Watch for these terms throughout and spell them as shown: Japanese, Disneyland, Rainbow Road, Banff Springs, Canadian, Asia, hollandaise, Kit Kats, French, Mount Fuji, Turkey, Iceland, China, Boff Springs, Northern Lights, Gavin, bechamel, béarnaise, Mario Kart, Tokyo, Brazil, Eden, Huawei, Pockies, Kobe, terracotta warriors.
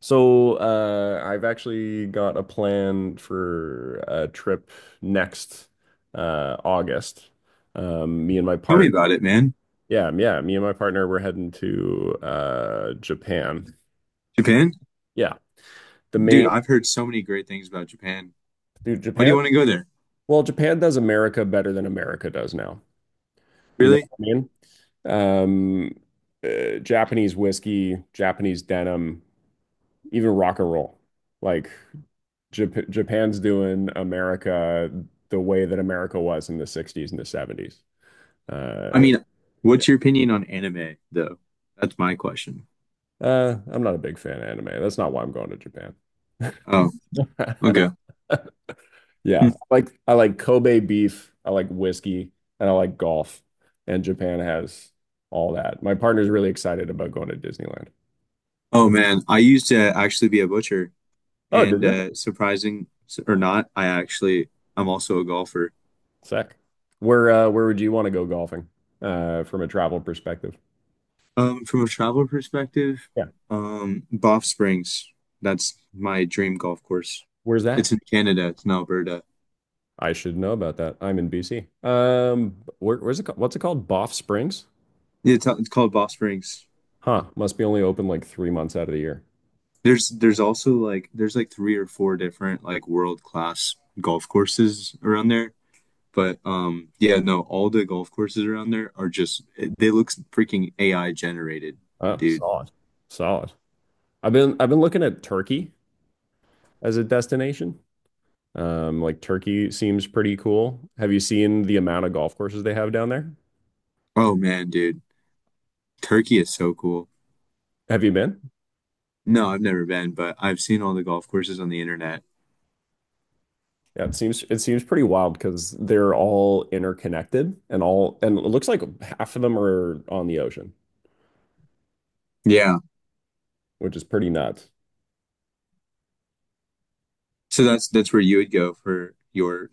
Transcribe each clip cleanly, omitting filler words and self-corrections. So, I've actually got a plan for a trip next August. Me and my Tell me part, about it, man. yeah, yeah, me and my partner, we're heading to Japan. Japan? Yeah, the Dude, main, I've heard so many great things about Japan. dude, Why do you Japan. want to go there? Well, Japan does America better than America does now. You know Really? what I mean? Um, Japanese whiskey, Japanese denim, even rock and roll. Like Japan's doing America the way that America was in the 60s and the 70s. I Uh, mean, yeah. what's your opinion on anime, though? That's my question. I'm not a big fan of anime. That's not why I'm going to Japan. Oh, okay. Hmm. Yeah, like I like Kobe beef, I like whiskey, and I like golf. And Japan has all that. My partner's really excited about going to Disneyland. Oh, man. I used to actually be a butcher, Oh, did and you? Surprising or not, I actually, I'm also a golfer. Sick. Where would you want to go golfing from a travel perspective? From a travel perspective, Yeah. Banff Springs, that's my dream golf course. Where's that? It's in Canada, it's in Alberta. I should know about that. I'm in BC. Where's it? What's it called? Boff Springs? Yeah, it's called Banff Springs. Huh. Must be only open like 3 months out of the year. There's also like there's like three or four different like world class golf courses around there. But yeah, no, all the golf courses around there are just they look freaking AI generated, Oh, dude. solid, solid. I've been looking at Turkey as a destination. Like Turkey seems pretty cool. Have you seen the amount of golf courses they have down there? Oh man, dude. Turkey is so cool. Have you been? No, I've never been, but I've seen all the golf courses on the internet. Yeah, it seems pretty wild because they're all interconnected and all and it looks like half of them are on the ocean, Yeah. which is pretty nuts. So that's where you would go for your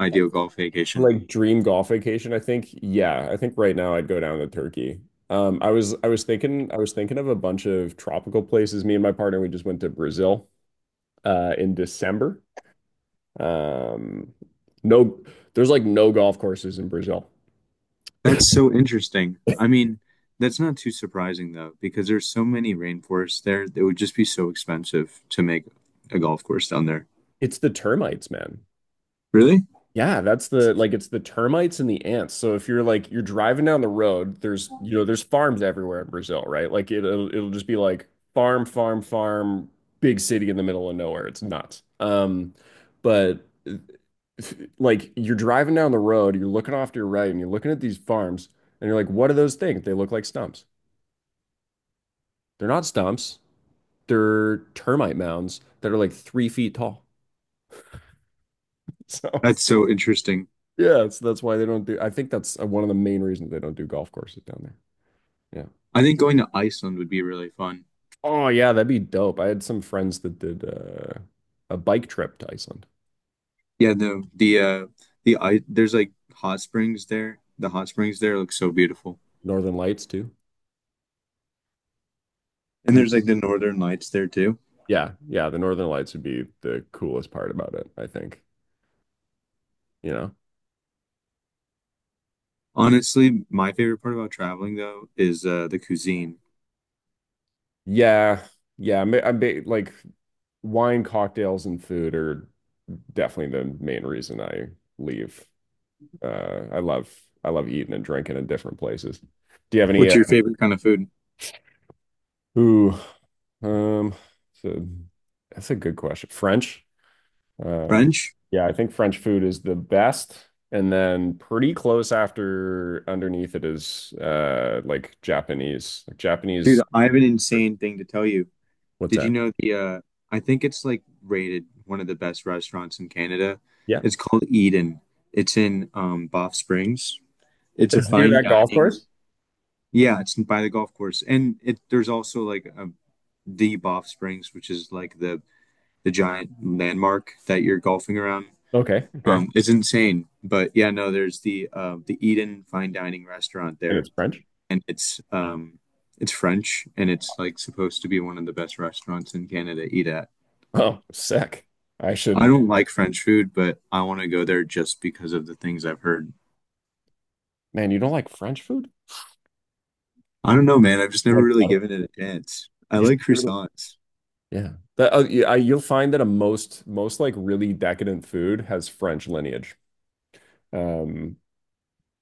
ideal golf vacation. Like dream golf vacation, I think. Yeah, I think right now I'd go down to Turkey. I was thinking of a bunch of tropical places. Me and my partner, we just went to Brazil in December. Um, no, there's like no golf courses in Brazil. That's so interesting. I mean, that's not too surprising though, because there's so many rainforests there. It would just be so expensive to make a golf course down there. It's the termites, man. Really? Yeah, that's the like it's the termites and the ants. So if you're like you're driving down the road, there's you know there's farms everywhere in Brazil, right? Like it'll just be like farm, farm, farm, big city in the middle of nowhere. It's nuts. But like you're driving down the road, you're looking off to your right, and you're looking at these farms, and you're like, what are those things? They look like stumps. They're not stumps. They're termite mounds that are like 3 feet tall. So. That's so interesting. Yeah, that's why they don't do. I think that's one of the main reasons they don't do golf courses down there. Yeah. I think going to Iceland would be really fun. Oh yeah, that'd be dope. I had some friends that did a bike trip to Iceland. Yeah, there's like hot springs there. The hot springs there look so beautiful. Northern Lights too. And And- there's like the northern lights there too. Yeah, yeah, the Northern Lights would be the coolest part about it, I think. You know? Honestly, my favorite part about traveling though is the cuisine. Yeah, yeah. Like wine, cocktails, and food are definitely the main reason I leave. Uh, I love I love eating and drinking in different places. Do you have any What's uh, your favorite kind of food? Ooh. Um, so that's a good question. French. Um, French? yeah, I think French food is the best. And then pretty close after underneath it is like Japanese. Like Dude, Japanese. I have an insane thing to tell you. What's Did you that? know the I think it's like rated one of the best restaurants in Canada. Yeah. It's called Eden. It's in Banff Springs. It's a It's near fine that golf dining. course. Yeah, it's by the golf course. And it there's also like a, the Banff Springs, which is like the giant landmark that you're golfing around. Okay, okay. It's insane. But yeah, no, there's the Eden fine dining restaurant And there it's French. and it's French and it's like supposed to be one of the best restaurants in Canada to eat at. Oh, sick. I I should. don't like French food, but I want to go there just because of the things I've heard. Man, you don't like French food? I don't know, man. I've just never Like really butter? given it a chance. I You should like give it a- croissants. Yeah. Yeah, you'll find that a most most like really decadent food has French lineage. Um,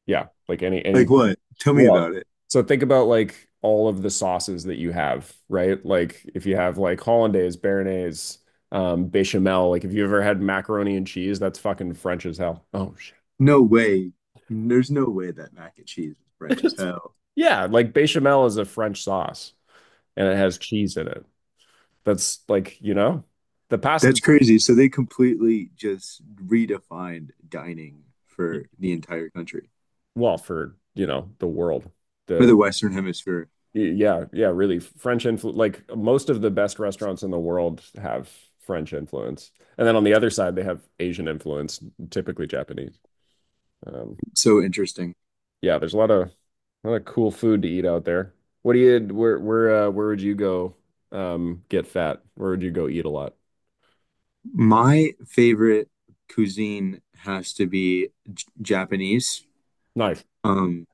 Yeah, like Like any what? Tell me well, about it. so think about like all of the sauces that you have, right? Like if you have like hollandaise, béarnaise, bechamel, like if you ever had macaroni and cheese, that's fucking French as hell. Oh shit. No way. There's no way that mac and cheese is French as hell. Yeah, like bechamel is a French sauce and it has cheese in it. That's like, the past That's crazy. So they completely just redefined dining for the entire country, well, for, the world. for The the Western Hemisphere. Yeah, yeah, really. French influence, like most of the best restaurants in the world have French influence. And then on the other side, they have Asian influence, typically Japanese. Um, So interesting. yeah, there's a lot of cool food to eat out there. What do you where would you go get fat? Where would you go eat a lot? My favorite cuisine has to be J Japanese. Nice. Um,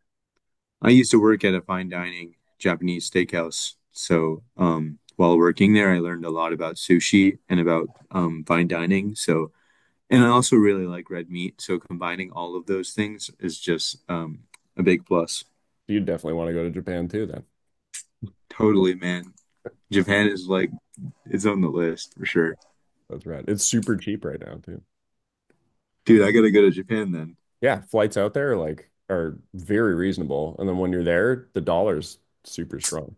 I used to work at a fine dining Japanese steakhouse. So, while working there, I learned a lot about sushi and about fine dining. So, and I also really like red meat. So, combining all of those things is just a big plus. You definitely want to go to Japan too then. Totally, man. Japan is like, it's on the list for sure. That's right. It's super cheap right now too. Dude, I gotta go to Japan then. Yeah, flights out there like are very reasonable. And then when you're there, the dollar's super strong.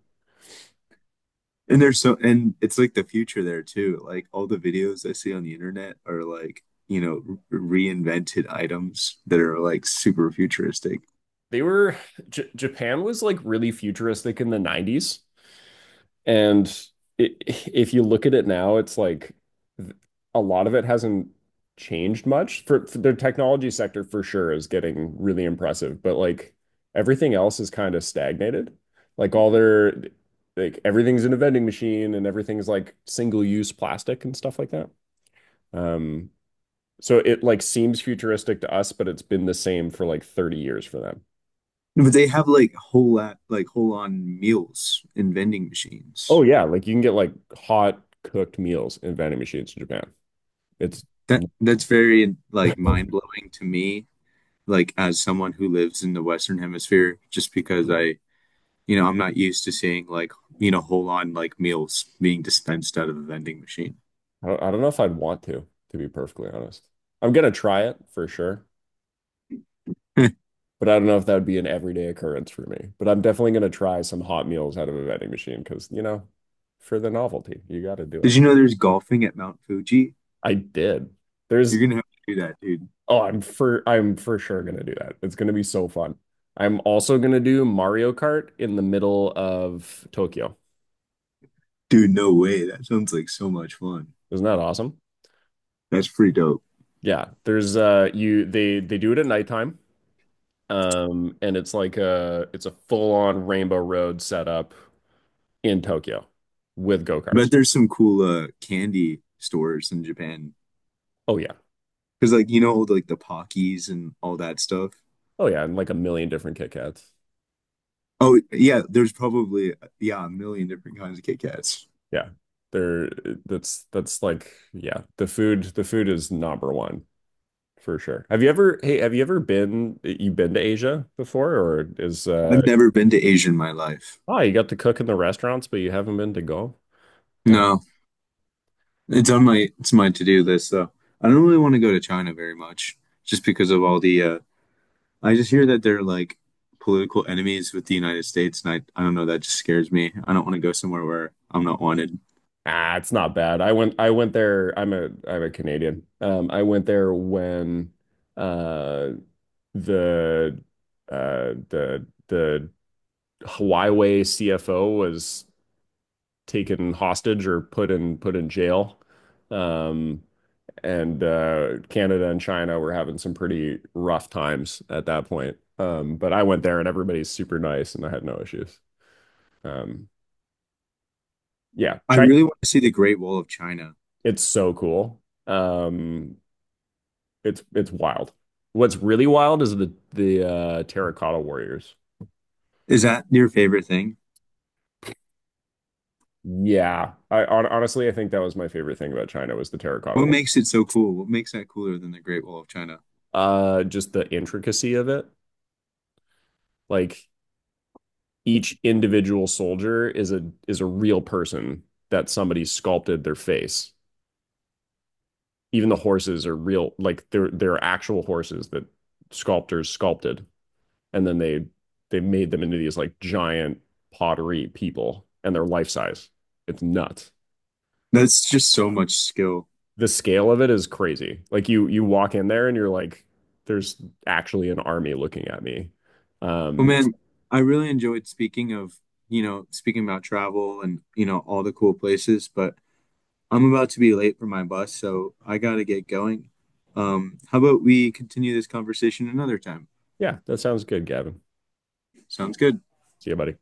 And there's so, and it's like the future there too. Like, all the videos I see on the internet are like, you know, reinvented items that are like super futuristic. they were Japan was like really futuristic in the 90s. And it, if you look at it now, it's like a lot of it hasn't changed much. For their technology sector for sure is getting really impressive, but like everything else is kind of stagnated. Like all their, like, everything's in a vending machine and everything's like single use plastic and stuff like that. Um so it like seems futuristic to us, but it's been the same for like 30 years for them. No, but they have like like whole on meals in vending Oh machines. yeah, like you can get like hot cooked meals in vending machines in Japan. It's I That's very like mind blowing to me, like as someone who lives in the Western Hemisphere, just because I, you know, I'm not used to seeing like, you know, whole on like meals being dispensed out of a vending machine. I don't know if I'd want to be perfectly honest. I'm gonna try it for sure, Did but I don't know if that would be an everyday occurrence for me. But I'm definitely gonna try some hot meals out of a vending machine because, for the novelty, you got to do it. you know there's golfing at Mount Fuji? I did. You're There's gonna have to do that, dude. oh, I'm for sure gonna do that. It's gonna be so fun. I'm also gonna do Mario Kart in the middle of Tokyo. Dude, no way. That sounds like so much fun. Isn't that awesome? That's pretty dope. Yeah, there's you they do it at nighttime. And it's a full-on Rainbow Road setup in Tokyo with But go-karts. there's some cool candy stores in Japan. Oh yeah. Because like you know like the Pockies and all that stuff. Oh yeah, and like a million different Kit Kats. Oh yeah, there's probably yeah a million different kinds of Kit Kats. Yeah. There that's like yeah, the food is number one for sure. Have you ever Hey, have you ever been you been to Asia before or is. I've never been to Asia in my life. Oh, you got to cook in the restaurants, but you haven't been to go? No, it's my to-do list though. I don't really want to go to China very much just because of all the I just hear that they're like political enemies with the United States and I don't know, that just scares me. I don't want to go somewhere where I'm not wanted. Ah, it's not bad. I went there. I'm a Canadian. I went there when uh the the Huawei CFO was taken hostage or put in jail. Um and Canada and China were having some pretty rough times at that point. But I went there and everybody's super nice and I had no issues. Um yeah, I China, really want to see the Great Wall of China. it's so cool. Um it's wild. What's really wild is the terracotta warriors. Is that your favorite thing? Yeah, I honestly I think that was my favorite thing about China was the terracotta What war. makes it so cool? What makes that cooler than the Great Wall of China? Just the intricacy of it. Like each individual soldier is a real person that somebody sculpted their face. Even the horses are real, like they're actual horses that sculptors sculpted, and then they made them into these like giant pottery people, and they're life size. It's nuts. That's just so much skill. The scale of it is crazy. Like you walk in there and you're like, there's actually an army looking at me. Well, Um, man, I really enjoyed speaking of, you know, speaking about travel and, you know, all the cool places, but I'm about to be late for my bus, so I gotta get going. How about we continue this conversation another time? yeah, that sounds good, Gavin. Sounds good. See you, buddy.